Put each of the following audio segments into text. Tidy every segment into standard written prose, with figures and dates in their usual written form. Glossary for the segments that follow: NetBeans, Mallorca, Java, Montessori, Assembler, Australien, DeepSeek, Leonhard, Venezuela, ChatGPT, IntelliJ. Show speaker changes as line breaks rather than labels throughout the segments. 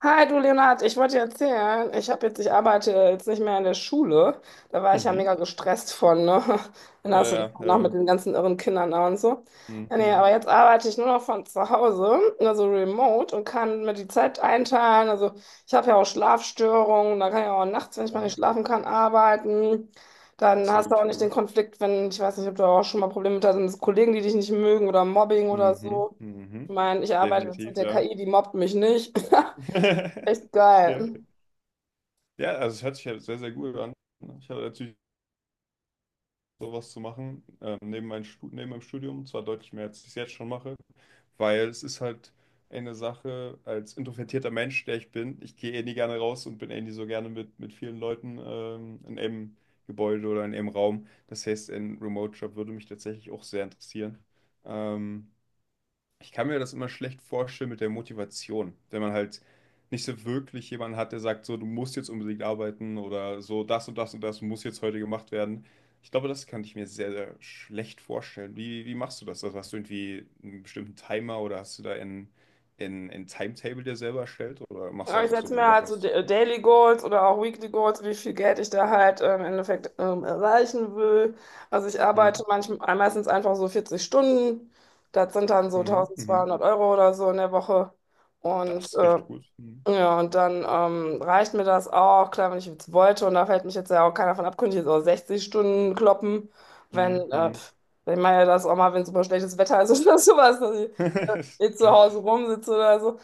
Hi, du Leonhard, ich wollte dir erzählen, ich arbeite jetzt nicht mehr in der Schule. Da war ich ja
Mhm.
mega gestresst von, ne? Dann hast du das
Naja,
auch noch mit den ganzen irren Kindern da und so. Ja, nee,
mhm.
aber jetzt arbeite ich nur noch von zu Hause, also remote und kann mir die Zeit einteilen. Also ich habe ja auch Schlafstörungen, da kann ich auch nachts, wenn ich mal nicht
Wow,
schlafen kann, arbeiten.
das
Dann
ist ja
hast du auch
wirklich
nicht den
cool.
Konflikt, wenn, ich weiß nicht, ob du auch schon mal Probleme mit hast, Kollegen, die dich nicht mögen oder Mobbing oder
Mhm.
so. Ich
Mhm.
meine, ich arbeite jetzt mit
Definitiv,
der
ja.
KI, die mobbt mich nicht. Echt
Okay.
geil.
Ja, also es hört sich ja sehr, sehr gut an. Ich habe natürlich sowas zu machen, neben meinem Studium, zwar deutlich mehr, als ich es jetzt schon mache, weil es ist halt eine Sache. Als introvertierter Mensch, der ich bin, ich gehe eh nie gerne raus und bin eh nie so gerne mit vielen Leuten in einem Gebäude oder in einem Raum. Das heißt, ein Remote-Job würde mich tatsächlich auch sehr interessieren. Ähm, Ich kann mir das immer schlecht vorstellen mit der Motivation, wenn man halt nicht so wirklich jemanden hat, der sagt, so, du musst jetzt unbedingt arbeiten oder so, das und das und das muss jetzt heute gemacht werden. Ich glaube, das kann ich mir sehr, sehr schlecht vorstellen. Wie machst du das? Also hast du irgendwie einen bestimmten Timer oder hast du da ein Timetable dir selber erstellt oder machst du
Aber ich
einfach so,
setze
wie du
mir
Bock
halt so
hast?
Daily Goals oder auch Weekly Goals, wie viel Geld ich da halt im Endeffekt erreichen will. Also ich arbeite
Mhm.
manchmal meistens einfach so 40 Stunden. Das sind dann so
Mhm. Mhm.
1.200 Euro oder so in der Woche.
Das
Und
ist
äh,
richtig gut. Mhm.
Ja, und dann reicht mir das auch, klar, wenn ich jetzt wollte, und da fällt mich jetzt ja auch keiner von ab, könnte ich jetzt auch 60 Stunden kloppen, wenn,
Mhm.
pf, ich meine ja das auch mal, wenn super schlechtes Wetter ist oder sowas, dass ich jetzt zu Hause rumsitze oder so,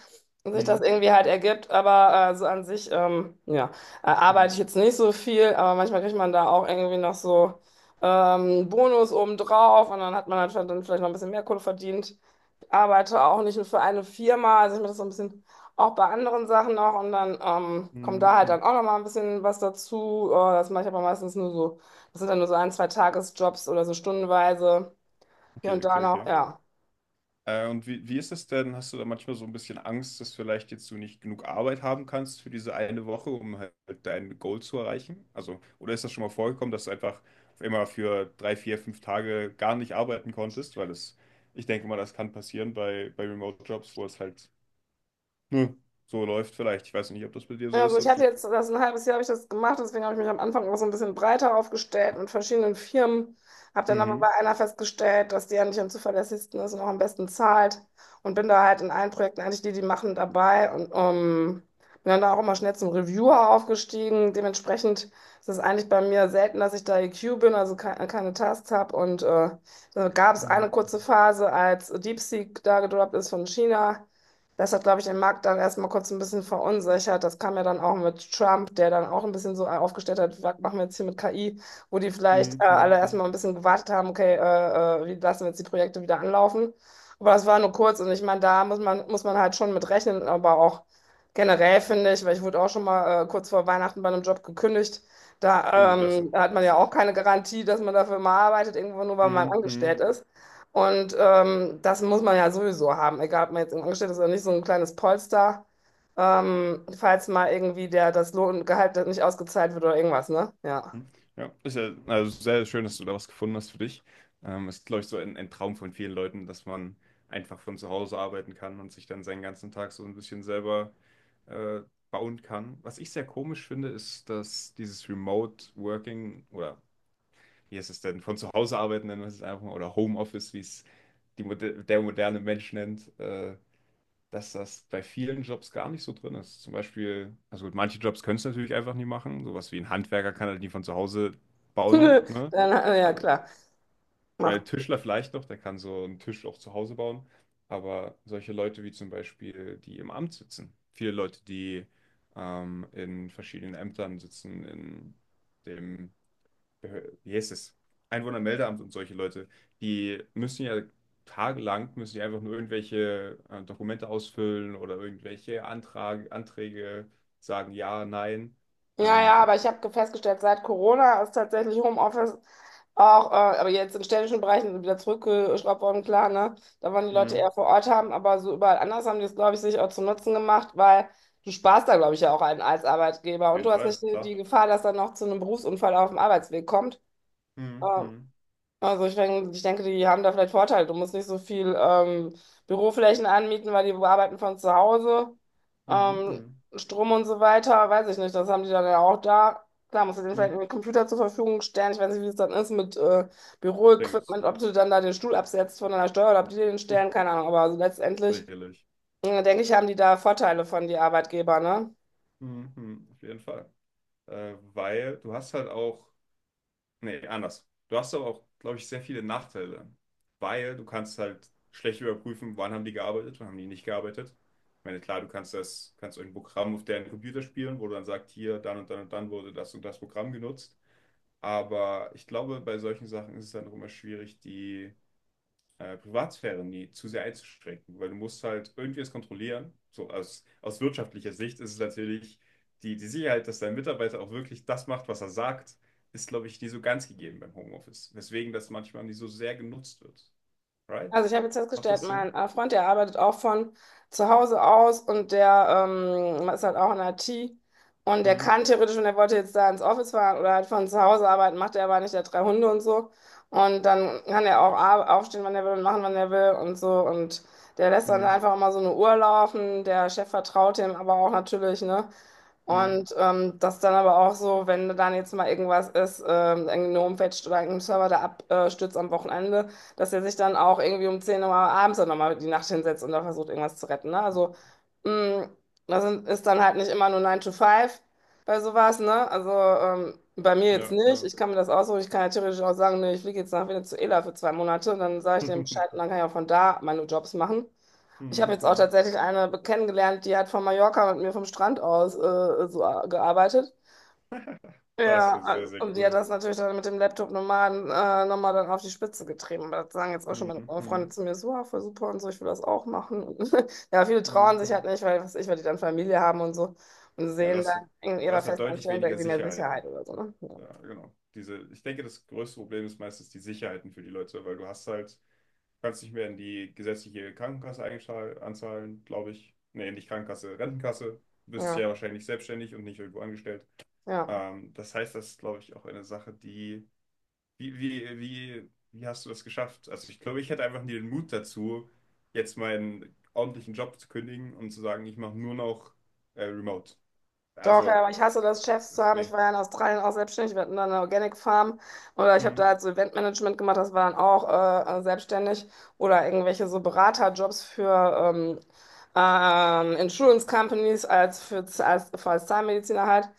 und sich das
Mhm.
irgendwie halt ergibt, aber so an sich, ja, arbeite
Mhm.
ich jetzt nicht so viel, aber manchmal kriegt man da auch irgendwie noch so Bonus obendrauf, und dann hat man halt schon dann vielleicht noch ein bisschen mehr Kohle verdient. Ich arbeite auch nicht nur für eine Firma, also ich mache das so ein bisschen auch bei anderen Sachen noch und dann kommt
Mhm.
da halt
Mhm.
dann auch noch mal ein bisschen was dazu. Das mache ich aber meistens nur so, das sind dann nur so ein, zwei Tagesjobs oder so stundenweise hier
Okay,
und da
okay,
noch,
okay.
ja.
Und wie ist es denn? Hast du da manchmal so ein bisschen Angst, dass vielleicht jetzt du nicht genug Arbeit haben kannst für diese eine Woche, um halt dein Goal zu erreichen? Also, oder ist das schon mal vorgekommen, dass du einfach auf einmal für drei, vier, fünf Tage gar nicht arbeiten konntest? Weil es, ich denke mal, das kann passieren bei, Remote-Jobs, wo es halt, ne, so läuft vielleicht. Ich weiß nicht, ob das bei dir so
Also
ist,
ich
ob
hatte
du.
jetzt das ein halbes Jahr habe ich das gemacht, deswegen habe ich mich am Anfang auch so ein bisschen breiter aufgestellt mit verschiedenen Firmen. Habe dann aber bei
Mhm.
einer festgestellt, dass die eigentlich am zuverlässigsten ist und auch am besten zahlt. Und bin da halt in allen Projekten eigentlich die, die machen, dabei. Und bin dann da auch immer schnell zum Reviewer aufgestiegen. Dementsprechend ist es eigentlich bei mir selten, dass ich da EQ bin, also ke keine Tasks habe. Und da gab es eine
Mhm.
kurze Phase, als DeepSeek da gedroppt ist von China. Das hat, glaube ich, den Markt dann erstmal kurz ein bisschen verunsichert. Das kam ja dann auch mit Trump, der dann auch ein bisschen so aufgestellt hat, was machen wir jetzt hier mit KI, wo die vielleicht
Mhm.
alle
Mhm. Mhm.
erstmal ein bisschen gewartet haben, okay, wie lassen wir jetzt die Projekte wieder anlaufen. Aber das war nur kurz und ich meine, da muss man halt schon mit rechnen, aber auch generell finde ich, weil ich wurde auch schon mal kurz vor Weihnachten bei einem Job gekündigt. Da
Oh, das,
hat man
das
ja
ja.
auch keine Garantie, dass man dafür mal arbeitet, irgendwo nur weil man
Mhm.
angestellt ist. Und das muss man ja sowieso haben, egal ob man jetzt angestellt ist oder nicht, so ein kleines Polster, falls mal irgendwie der, das Lohngehalt nicht ausgezahlt wird oder irgendwas, ne? Ja.
Hm. Ja, ist ja also sehr schön, dass du da was gefunden hast für dich. Ist, glaube ich, so ein Traum von vielen Leuten, dass man einfach von zu Hause arbeiten kann und sich dann seinen ganzen Tag so ein bisschen selber äh, bauen kann. Was ich sehr komisch finde, ist, dass dieses Remote Working oder, wie heißt es denn, von zu Hause arbeiten, nennen wir es einfach mal, oder Homeoffice, wie es der moderne Mensch nennt, dass das bei vielen Jobs gar nicht so drin ist. Zum Beispiel, also gut, manche Jobs können es natürlich einfach nie machen. Sowas wie ein Handwerker kann halt nie von zu Hause bauen, ne?
Dann, ja,
Also,
klar.
ich meine, Tischler vielleicht noch, der kann so einen Tisch auch zu Hause bauen. Aber solche Leute wie zum Beispiel die im Amt sitzen, viele Leute, die in verschiedenen Ämtern sitzen, in dem wie heißt es? Einwohnermeldeamt und solche Leute, die müssen ja tagelang, müssen die einfach nur irgendwelche Dokumente ausfüllen oder irgendwelche Anträge sagen, ja, nein.
Ja, ja,
Zum
aber ich
Beispiel.
habe festgestellt, seit Corona ist tatsächlich Homeoffice auch, aber jetzt in städtischen Bereichen wieder zurückgeschraubt worden, klar, ne? Da wollen die Leute
Hm,
eher vor Ort haben, aber so überall anders haben die es, glaube ich, sich auch zum Nutzen gemacht, weil du sparst da, glaube ich, ja auch einen als Arbeitgeber
auf
und
jeden
du hast nicht
Fall,
die
klar.
Gefahr, dass dann noch zu einem Berufsunfall auf dem Arbeitsweg kommt.
Hm,
Ähm,
hm,
also ich denke, die haben da vielleicht Vorteile. Du musst nicht so viel Büroflächen anmieten, weil die arbeiten von zu Hause.
hm,
Ähm,
hm,
Strom und so weiter, weiß ich nicht. Das haben die dann ja auch da. Klar, musst du denen
hm.
vielleicht einen Computer zur Verfügung stellen. Ich weiß nicht, wie es dann ist mit
Ich denke es.
Büroequipment, ob du dann da den Stuhl absetzt von deiner Steuer oder ob die dir den stellen, keine Ahnung. Aber also letztendlich
Sicherlich.
denke ich, haben die da Vorteile von die Arbeitgeber, ne?
Hm, hm, auf jeden Fall. Weil du hast halt auch, nee, anders. Du hast aber auch, glaube ich, sehr viele Nachteile, weil du kannst halt schlecht überprüfen, wann haben die gearbeitet, wann haben die nicht gearbeitet. Ich meine, klar, du kannst das, kannst irgendein Programm auf deren Computer spielen, wo du dann sagst, hier, dann und dann und dann wurde das und das Programm genutzt. Aber ich glaube, bei solchen Sachen ist es dann auch immer schwierig, die Privatsphäre nie zu sehr einzuschränken, weil du musst halt irgendwie es kontrollieren. So aus wirtschaftlicher Sicht ist es natürlich die, die Sicherheit, dass dein Mitarbeiter auch wirklich das macht, was er sagt, ist, glaube ich, nie so ganz gegeben beim Homeoffice. Weswegen das manchmal nicht so sehr genutzt wird. Right?
Also ich habe jetzt
Macht
festgestellt,
das Sinn?
mein Freund, der arbeitet auch von zu Hause aus und der ist halt auch in IT und der
Hm.
kann theoretisch, wenn er wollte jetzt da ins Office fahren oder halt von zu Hause arbeiten, macht er aber nicht, der hat drei Hunde und so. Und dann kann er auch
Süß.
aufstehen, wann er will und machen, wann er will und so. Und der lässt dann
Hm.
einfach immer so eine Uhr laufen. Der Chef vertraut ihm aber auch natürlich, ne?
Hm.
Und das dann aber auch so, wenn dann jetzt mal irgendwas ist, irgendeine Homepage oder irgendein Server da abstürzt am Wochenende, dass er sich dann auch irgendwie um 10 Uhr abends dann nochmal die Nacht hinsetzt und da versucht, irgendwas zu retten. Ne? Also, mh, ist dann halt nicht immer nur nine to five bei sowas, ne? Also, bei mir jetzt
Ja,
nicht.
ja.
Ich kann mir das aussuchen. Ich kann ja theoretisch auch sagen, nee, ich fliege jetzt nach Venezuela für 2 Monate und dann sage ich dem Bescheid und dann kann ich auch von da meine Jobs machen. Ich habe
Hm,
jetzt auch
hm.
tatsächlich eine kennengelernt, die hat von Mallorca mit mir vom Strand aus so gearbeitet.
Das
Ja,
ist sehr,
also-
sehr
und sie hat
cool.
das natürlich dann mit dem Laptop-Nomaden nochmal dann auf die Spitze getrieben. Aber das sagen jetzt auch schon
Hm,
meine Freunde
hm.
zu mir so, ah, voll super und so, ich will das auch machen. Und ja, viele trauen
Hm,
sich halt
hm.
nicht, weil, was weiß ich, weil die dann Familie haben und so und
Na, du
sehen dann
hast,
in
du
ihrer
hast ja deutlich
Festanstellung
weniger
irgendwie mehr Sicherheit
Sicherheiten.
oder so. Ne? Ja,
Ja, genau. Diese, ich denke, das größte Problem ist meistens die Sicherheiten für die Leute, weil du hast halt, kannst nicht mehr in die gesetzliche Krankenkasse anzahlen, glaube ich. Nee, nicht Krankenkasse, Rentenkasse. Du bist
ja.
ja wahrscheinlich selbstständig und nicht irgendwo angestellt.
Ja.
Das heißt, das ist, glaube ich, auch eine Sache, die, wie hast du das geschafft? Also ich glaube, ich hätte einfach nie den Mut dazu, jetzt meinen ordentlichen Job zu kündigen und zu sagen, ich mache nur noch Remote.
Doch, ja,
Also,
aber ich hasse das,
das
Chefs zu
ist,
haben. Ich
nee.
war ja in Australien auch selbstständig. Wir hatten da eine Organic Farm oder ich habe da
Mhm.
halt so Eventmanagement gemacht. Das war dann auch selbstständig oder irgendwelche so Beraterjobs für Insurance Companies als Zahnmediziner halt.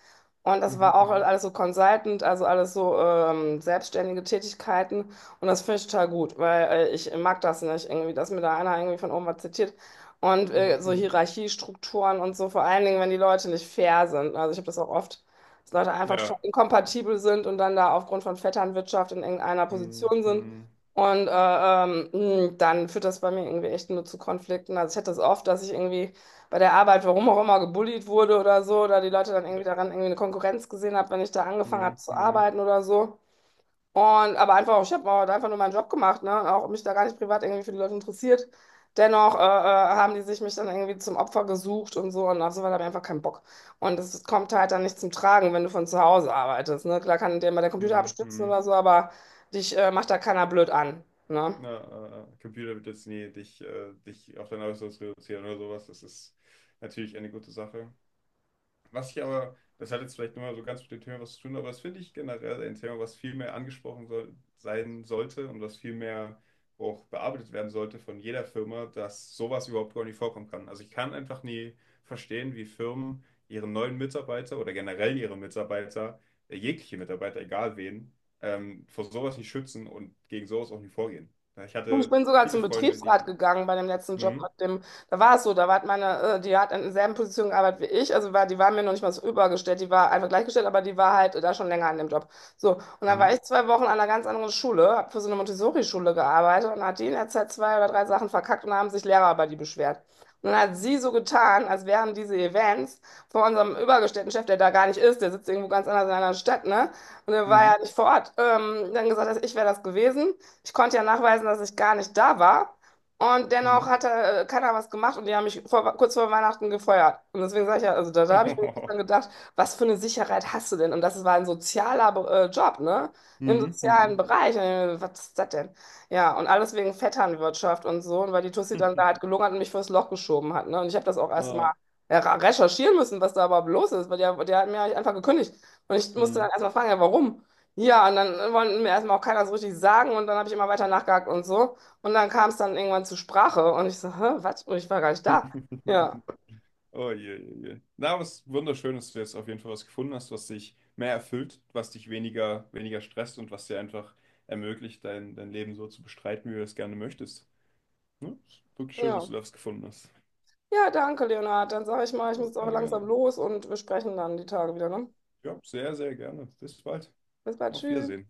Und das war
Mhm.
auch
Mhm.
alles so Consultant, also alles so selbstständige Tätigkeiten. Und das finde ich total gut, weil ich mag das nicht irgendwie, dass mir da einer irgendwie von oben was zitiert und
Mhm.
so
Mhm.
Hierarchiestrukturen und so, vor allen Dingen, wenn die Leute nicht fair sind. Also ich habe das auch oft, dass Leute einfach total
Ja.
inkompatibel sind und dann da aufgrund von Vetternwirtschaft in irgendeiner
Hm,
Position sind.
hm,
Und dann führt das bei mir irgendwie echt nur zu Konflikten. Also ich hatte das oft, dass ich irgendwie bei der Arbeit, warum auch immer, gebullied wurde oder so, oder die Leute dann irgendwie
ja.
daran irgendwie eine Konkurrenz gesehen haben, wenn ich da angefangen habe
Hm,
zu
hm,
arbeiten oder so. Und, aber einfach, ich habe halt einfach nur meinen Job gemacht, ne? Auch mich da gar nicht privat irgendwie für die Leute interessiert. Dennoch haben die sich mich dann irgendwie zum Opfer gesucht und so und auf sowas habe ich einfach keinen Bock. Und das kommt halt dann nicht zum Tragen, wenn du von zu Hause arbeitest, ne? Klar kann dir mal der Computer
hm,
abstürzen
hm.
oder so, aber dich macht da keiner blöd an, ne?
Na, Computer wird jetzt nie dich, dich auf dein Äußeres reduzieren oder sowas. Das ist natürlich eine gute Sache. Was ich aber, das hat jetzt vielleicht nur mal so ganz mit dem Thema was zu tun, aber das finde ich generell ein Thema, was viel mehr angesprochen soll, sein sollte und was viel mehr auch bearbeitet werden sollte von jeder Firma, dass sowas überhaupt gar nicht vorkommen kann. Also ich kann einfach nie verstehen, wie Firmen ihren neuen Mitarbeiter oder generell ihre Mitarbeiter, jegliche Mitarbeiter, egal wen, vor sowas nicht schützen und gegen sowas auch nicht vorgehen. Ja, ich
Du, ich
hatte
bin sogar
viele
zum
Freunde,
Betriebsrat
die...
gegangen bei dem letzten Job
Hm?
mit dem, da war es so, da war meine, die hat in derselben Position gearbeitet wie ich, also war, die war mir noch nicht mal so übergestellt, die war einfach gleichgestellt, aber die war halt da schon länger an dem Job. So, und dann
Hm?
war ich 2 Wochen an einer ganz anderen Schule, habe für so eine Montessori-Schule gearbeitet und hat die in der Zeit zwei oder drei Sachen verkackt und haben sich Lehrer über die beschwert. Und dann hat sie so getan, als wären diese Events von unserem übergestellten Chef, der da gar nicht ist, der sitzt irgendwo ganz anders in einer anderen Stadt, ne? Und der war
Hm?
ja nicht vor Ort, dann gesagt, dass ich wäre das gewesen. Ich konnte ja nachweisen, dass ich gar nicht da war. Und dennoch
Hm?
hat er, keiner was gemacht und die haben mich vor, kurz vor Weihnachten gefeuert. Und deswegen sage ich ja, also da, da habe ich mir
Hm?
dann gedacht, was für eine Sicherheit hast du denn? Und das war ein sozialer Job, ne? Im sozialen
Hm?
Bereich. Und ich mir, was ist das denn? Ja, und alles wegen Vetternwirtschaft und so. Und weil die Tussi dann da halt gelungen hat und mich fürs Loch geschoben hat, ne? Und ich habe das auch erst mal
Ah.
ja, recherchieren müssen, was da überhaupt los ist, weil der, der hat mir halt einfach gekündigt. Und ich musste
Hm.
dann erstmal fragen, ja, warum? Ja, und dann wollte mir erstmal auch keiner so richtig sagen und dann habe ich immer weiter nachgehakt und so. Und dann kam es dann irgendwann zur Sprache und ich so, hä, was? Und ich war gar nicht da. Ja,
Oh je, je, je. Na, was wunderschön, dass du jetzt auf jeden Fall was gefunden hast, was dich mehr erfüllt, was dich weniger, weniger stresst und was dir einfach ermöglicht, dein Leben so zu bestreiten, wie du es gerne möchtest. Ne? Ist wirklich schön, dass
ja.
du das gefunden hast.
Ja, danke, Leonhard. Dann sage ich mal, ich
Ja,
muss jetzt aber
gerne,
langsam
gerne.
los und wir sprechen dann die Tage wieder, ne?
Ja, sehr, sehr gerne. Bis bald.
Bis bald,
Auf
tschüss.
Wiedersehen.